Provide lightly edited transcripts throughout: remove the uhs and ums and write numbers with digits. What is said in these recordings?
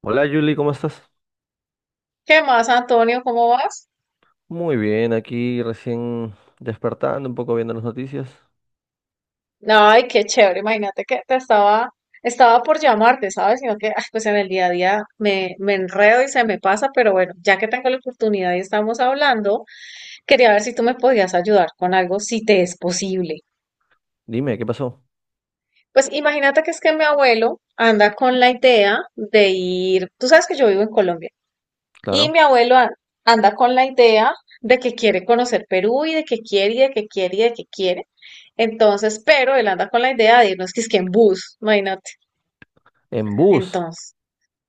Hola Julie, ¿cómo estás? ¿Qué más, Antonio? ¿Cómo vas? Muy bien, aquí recién despertando, un poco viendo las noticias. Ay, qué chévere. Imagínate que te estaba por llamarte, ¿sabes? Sino que, pues en el día a día me enredo y se me pasa, pero bueno, ya que tengo la oportunidad y estamos hablando, quería ver si tú me podías ayudar con algo, si te es posible. Dime, ¿qué pasó? Pues imagínate que es que mi abuelo anda con la idea de ir, tú sabes que yo vivo en Colombia. Y Claro. mi anda con la idea de que quiere conocer Perú y de que quiere y de que quiere y de que quiere. Entonces, pero él anda con la idea de irnos que es que en bus, imagínate. En bus. Entonces,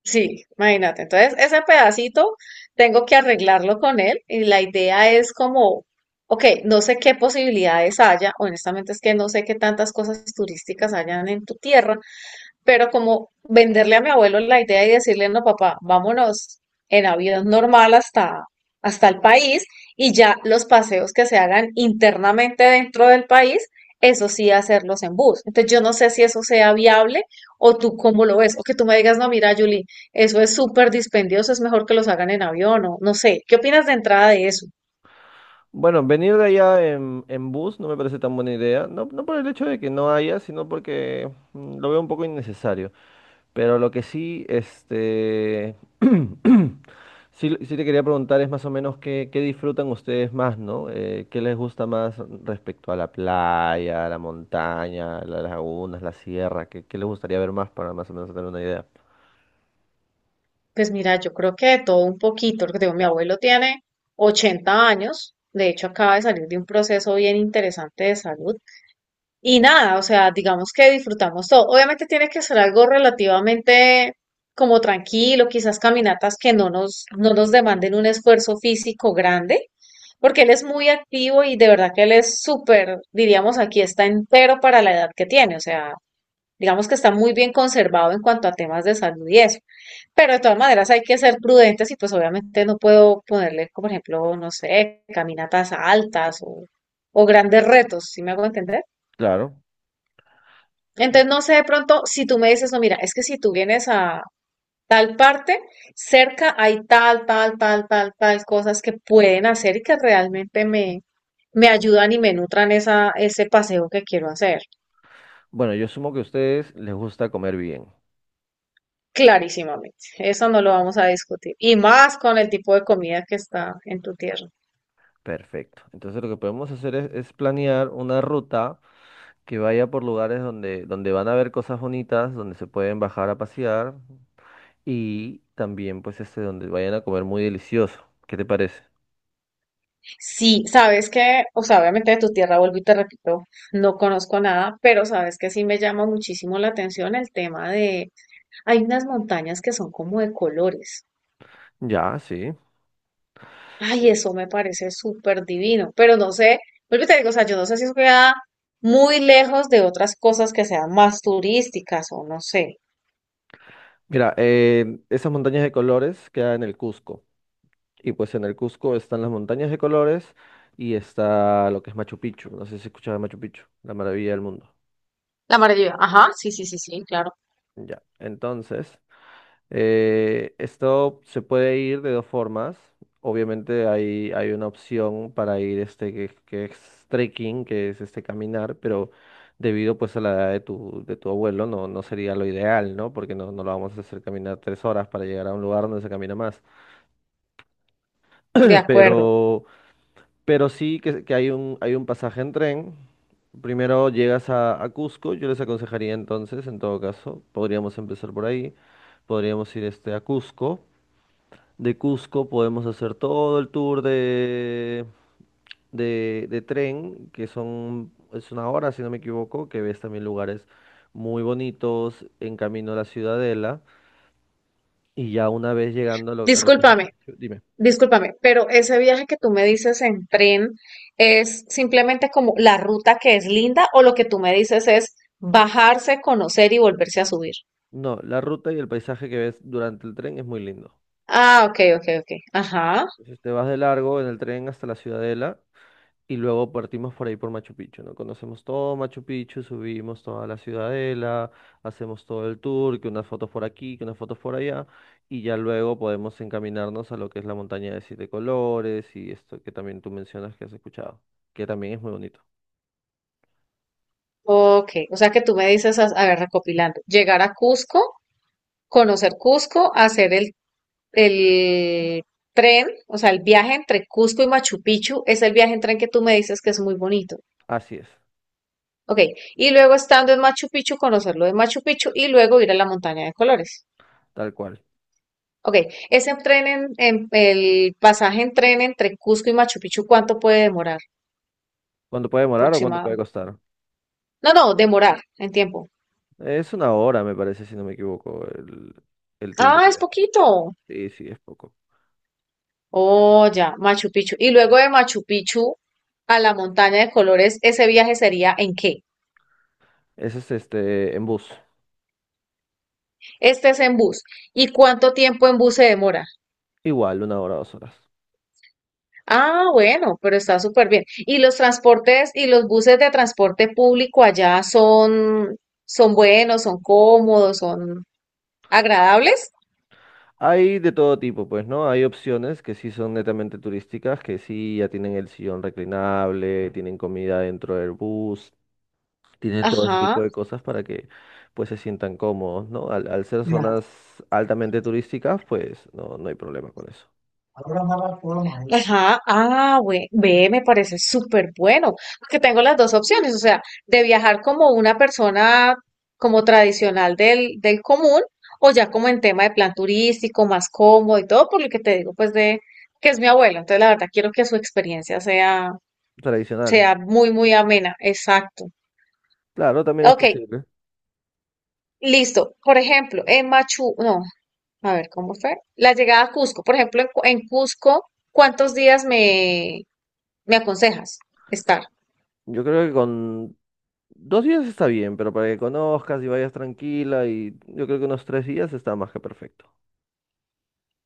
sí, imagínate. Entonces, ese pedacito tengo que arreglarlo con él y la idea es como, ok, no sé qué posibilidades haya, honestamente es que no sé qué tantas cosas turísticas hayan en tu tierra, pero como venderle a mi abuelo la idea y decirle, no, papá, vámonos en avión normal hasta el país y ya los paseos que se hagan internamente dentro del país, eso sí, hacerlos en bus. Entonces yo no sé si eso sea viable o tú cómo lo ves, o que tú me digas, no, mira, Julie, eso es súper dispendioso, es mejor que los hagan en avión o no sé. ¿Qué opinas de entrada de eso? Bueno, venir de allá en bus no me parece tan buena idea. No, no por el hecho de que no haya, sino porque lo veo un poco innecesario. Pero lo que sí, este, sí, sí te quería preguntar es más o menos qué disfrutan ustedes más, ¿no? ¿Qué les gusta más respecto a la playa, a la montaña, a las lagunas, la sierra? ¿Qué les gustaría ver más para más o menos tener una idea? Pues mira, yo creo que de todo un poquito, porque digo, mi abuelo tiene 80 años, de hecho acaba de salir de un proceso bien interesante de salud, y nada, o sea, digamos que disfrutamos todo. Obviamente tiene que ser algo relativamente como tranquilo, quizás caminatas que no nos demanden un esfuerzo físico grande, porque él es muy activo y de verdad que él es súper, diríamos aquí, está entero para la edad que tiene, o sea, digamos que está muy bien conservado en cuanto a temas de salud y eso. Pero de todas maneras hay que ser prudentes y pues obviamente no puedo ponerle, como por ejemplo, no sé, caminatas altas o grandes retos, ¿sí me hago entender? Claro. Entonces no sé de pronto si tú me dices, no, mira, es que si tú vienes a tal parte, cerca hay tal, tal, tal, tal, tal cosas que pueden hacer me ayudan y me nutran ese paseo que quiero hacer. Bueno, yo asumo que a ustedes les gusta comer bien. Clarísimamente, eso no lo vamos a discutir. Y más con el tipo de comida que está en tu tierra. Perfecto. Entonces lo que podemos hacer es planear una ruta que vaya por lugares donde van a ver cosas bonitas, donde se pueden bajar a pasear. Y también, pues, este, donde vayan a comer muy delicioso. ¿Qué te parece? Sí, sabes que, o sea, obviamente de tu tierra, vuelvo y te repito, no conozco nada, pero sabes que sí me llama muchísimo la atención el tema de: hay unas montañas que son como de colores. Ya, sí. Ay, eso me parece súper divino, pero no sé, vuelvo y te digo, o sea, yo no sé si eso queda muy lejos de otras cosas que sean más turísticas o no sé. Mira, esas montañas de colores quedan en el Cusco. Y pues en el Cusco están las montañas de colores y está lo que es Machu Picchu. No sé si escuchaba Machu Picchu, la maravilla del mundo. La maravilla, ajá, sí, sí, sí, sí, claro, Ya. Entonces, esto se puede ir de dos formas. Obviamente hay una opción para ir este que, es trekking, que es este caminar, pero debido pues a la edad de tu abuelo no, no sería lo ideal, ¿no? Porque no, no lo vamos a hacer caminar 3 horas para llegar a un lugar donde se camina más. de acuerdo. Pero, pero sí que hay un pasaje en tren. Primero llegas a, Cusco, yo les aconsejaría entonces, en todo caso, podríamos empezar por ahí, podríamos ir este, a Cusco. De Cusco podemos hacer todo el tour de tren, que son, es 1 hora, si no me equivoco, que ves también lugares muy bonitos en camino a la Ciudadela. Y ya una vez llegando a lo que es Machu Discúlpame. Picchu, dime. Discúlpame, pero ese viaje que tú me dices en tren es simplemente como la ruta que es linda o lo que tú me dices es bajarse, conocer y volverse a subir. No, la ruta y el paisaje que ves durante el tren es muy lindo. Ah, ok, ok, ok. Ajá. Entonces te vas de largo en el tren hasta la Ciudadela. Y luego partimos por ahí por Machu Picchu, ¿no? Conocemos todo Machu Picchu, subimos toda la ciudadela, hacemos todo el tour, que unas fotos por aquí, que unas fotos por allá, y ya luego podemos encaminarnos a lo que es la montaña de siete colores y esto que también tú mencionas que has escuchado, que también es muy bonito. Ok. O sea que tú me dices, a ver, recopilando, llegar a Cusco, conocer Cusco, hacer el tren, o sea, el viaje entre Cusco y Machu Picchu es el viaje en tren que tú me dices que es muy bonito. Así es, Ok. Y luego estando en Machu Picchu, conocer lo de Machu Picchu y luego ir a la montaña de colores. tal cual. Ok, ese el pasaje en tren entre Cusco y Machu Picchu, ¿cuánto puede demorar? ¿Cuánto puede demorar o cuánto Aproximado. puede costar? No, no, demorar en tiempo. Es 1 hora, me parece, si no me equivoco, el tiempo Ah, que es ves. poquito. Sí, sí, es poco. Oh, ya, Machu Picchu. Y luego de Machu Picchu a la montaña de colores, ¿ese viaje sería en qué? Ese es este, en bus. Este es en bus. ¿Y cuánto tiempo en bus se demora? Igual, 1 hora, 2 horas. Ah, bueno, pero está súper bien. ¿Y los transportes y los buses de transporte público allá son buenos, son cómodos, son agradables? Hay de todo tipo, pues, ¿no? Hay opciones que sí son netamente turísticas, que sí ya tienen el sillón reclinable, tienen comida dentro del bus, tienen todo ese Ajá. tipo de cosas para que, pues, se sientan cómodos, ¿no? Al ser La zonas altamente turísticas, pues, no, no hay problema con eso. ahora amarra todo mal. Ajá, ve, me parece súper bueno, porque tengo las dos opciones, o sea, de viajar como una persona como tradicional del común, o ya como en tema de plan turístico, más cómodo y todo, por lo que te digo, pues de que es mi abuelo, entonces la verdad quiero que su experiencia Tradicional. sea muy, muy amena, exacto. Claro, también es Ok, posible. listo, por ejemplo, en Machu, no, a ver, ¿cómo fue? La llegada a Cusco, por ejemplo, en Cusco, ¿cuántos días me ¿Me aconsejas estar Yo creo que con 2 días está bien, pero para que conozcas y vayas tranquila y yo creo que unos 3 días está más que perfecto.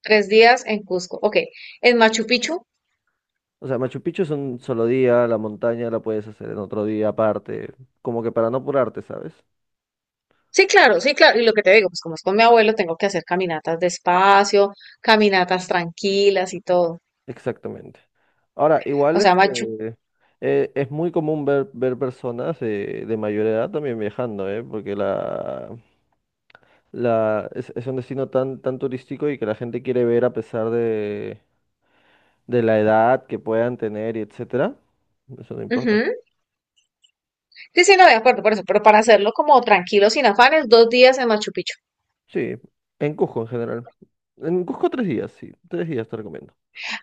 tres días en Cusco? Ok, en Machu Picchu. O sea, Machu Picchu es un solo día, la montaña la puedes hacer en otro día aparte, como que para no apurarte, ¿sabes? Sí, claro, sí, claro. Y lo que te digo, pues como es con mi abuelo, tengo que hacer caminatas despacio, caminatas tranquilas y todo. Exactamente. Ahora, O igual sea, Machu. este, es muy común ver, ver personas de mayor edad también viajando, ¿eh? Porque es un destino tan, tan turístico y que la gente quiere ver a pesar de, la edad que puedan tener y etcétera. Eso no importa. Ujú. Sí, sí, no, de acuerdo por eso, pero para hacerlo como tranquilo, sin afanes, dos días en Machu Picchu. Sí, en Cusco en general. En Cusco 3 días, sí, 3 días te recomiendo.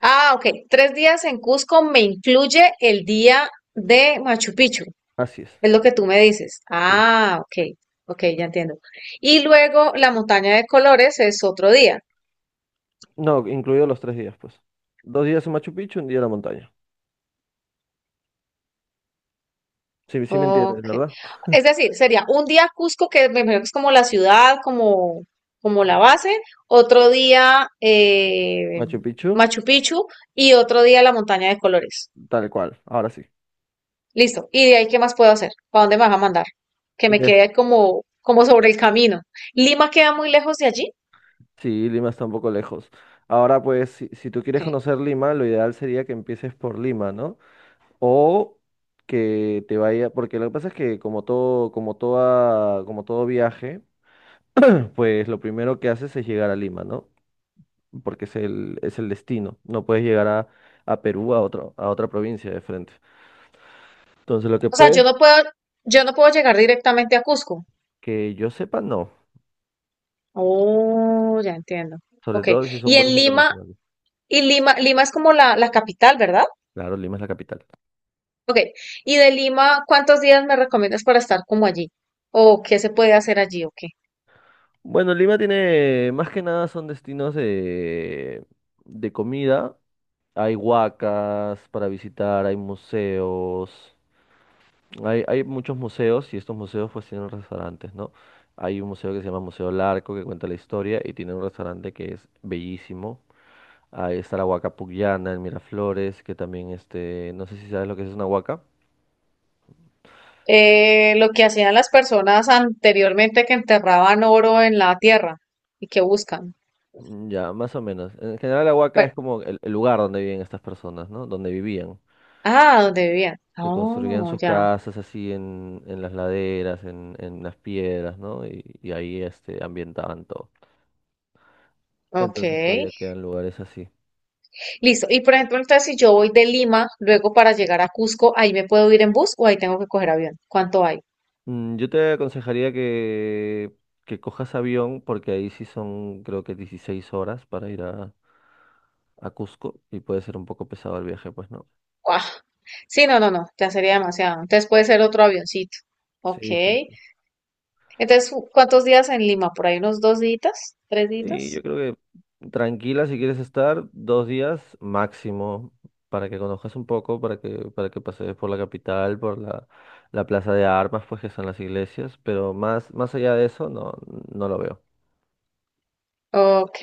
Ah, ok, tres días en Cusco me incluye el día de Machu Picchu, Así es. es lo que tú me dices. Sí. Ah, ok, ok, ya entiendo. Y luego la montaña de colores es otro día. No, incluido los 3 días, pues. 2 días en Machu Picchu, 1 día en la montaña. Sí, sí me entiendes, Ok. ¿verdad? Es decir, sería un día Cusco, que me imagino que es como la ciudad, como la base, otro día Machu Picchu, Machu Picchu y otro día la montaña de colores. tal cual, ahora sí. Listo. ¿Y de ahí qué más puedo hacer? ¿Para dónde me vas a mandar? Que me De- quede como, como sobre el camino. ¿Lima queda muy lejos de allí? Sí, Lima está un poco lejos. Ahora, pues, si, tú quieres Ok. conocer Lima, lo ideal sería que empieces por Lima, ¿no? O que te vaya, porque lo que pasa es que como todo viaje, pues lo primero que haces es llegar a Lima, ¿no? Porque es el destino. No puedes llegar a, Perú, a otra provincia de frente. Entonces, lo que O sea, puedes... yo no puedo llegar directamente a Cusco. Que yo sepa, no. Oh, ya entiendo. Sobre Ok. todo si Y son vuelos en Lima, internacionales. y Lima es como la capital, ¿verdad? Claro, Lima es la capital. Ok, y de Lima, ¿cuántos días me recomiendas para estar como allí? ¿O qué se puede hacer allí o qué? Bueno, Lima tiene, más que nada son destinos de comida. Hay huacas para visitar, hay museos. Hay muchos museos y estos museos pues tienen restaurantes, ¿no? Hay un museo que se llama Museo Larco que cuenta la historia y tiene un restaurante que es bellísimo. Ahí está la huaca Pullana en Miraflores, que también este, no sé si sabes lo que es una huaca. Lo que hacían las personas anteriormente que enterraban oro en la tierra y que buscan. Mm, ya, más o menos. En general, la Huaca Bueno, es como el lugar donde viven estas personas, ¿no? Donde vivían, ah, ¿dónde vivían? que construían Oh, sus ya. casas así en, las laderas, en las piedras, ¿no? Y ahí este, ambientaban todo. Ok. Entonces todavía quedan lugares así. Listo. Y por ejemplo, entonces si yo voy de Lima, luego para llegar a Cusco, ¿ahí me puedo ir en bus o ahí tengo que coger avión? ¿Cuánto hay? Yo te aconsejaría que, cojas avión, porque ahí sí son, creo que 16 horas para ir a Cusco y puede ser un poco pesado el viaje, pues, ¿no? ¡Guau! Sí, no, no, no, ya sería demasiado. Entonces puede ser otro avioncito. Ok. Sí, sí. Entonces, ¿cuántos días en Lima? Por ahí unos dos días, tres Sí, días. yo creo que tranquila si quieres estar 2 días máximo para que conozcas un poco, para que pasees por la capital, por la plaza de armas, pues que son las iglesias, pero más allá de eso no, no lo veo. Ok,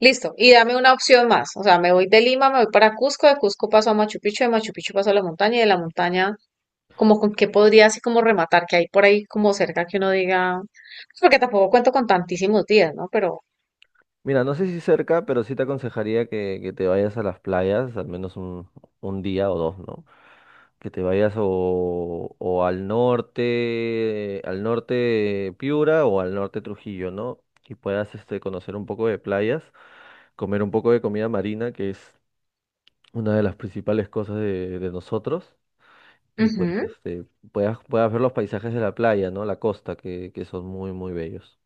listo. Y dame una opción más. O sea, me voy de Lima, me voy para Cusco, de Cusco paso a Machu Picchu, de Machu Picchu paso a la montaña, y de la montaña, como con qué podría así como rematar, que hay por ahí como cerca que uno diga, pues porque tampoco cuento con tantísimos días, ¿no? Pero, Mira, no sé si cerca, pero sí te aconsejaría que te vayas a las playas, al menos un día o dos, ¿no? Que te vayas o, al norte Piura o al norte Trujillo, ¿no? Y puedas este, conocer un poco de playas, comer un poco de comida marina, que es una de las principales cosas de nosotros, y pues ujú. este, puedas ver los paisajes de la playa, ¿no? La costa, que son muy, muy bellos.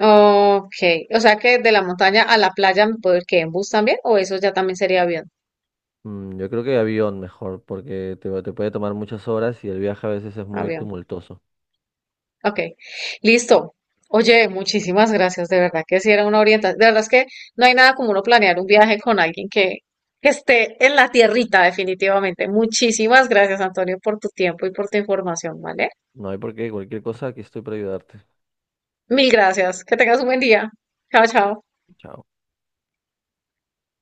Ok, o sea que de la montaña a la playa me puedo ir que en bus también, o eso ya también sería avión, Yo creo que avión mejor, porque te puede tomar muchas horas y el viaje a veces es muy avión. tumultuoso. Ok, listo. Oye, muchísimas gracias, de verdad que sí era una orientación. De verdad es que no hay nada como uno planear un viaje con alguien que esté en la tierrita, definitivamente. Muchísimas gracias, Antonio, por tu tiempo y por tu información, ¿vale? No hay por qué, cualquier cosa, aquí estoy para ayudarte. Mil gracias. Que tengas un buen día. Chao, chao. Chao.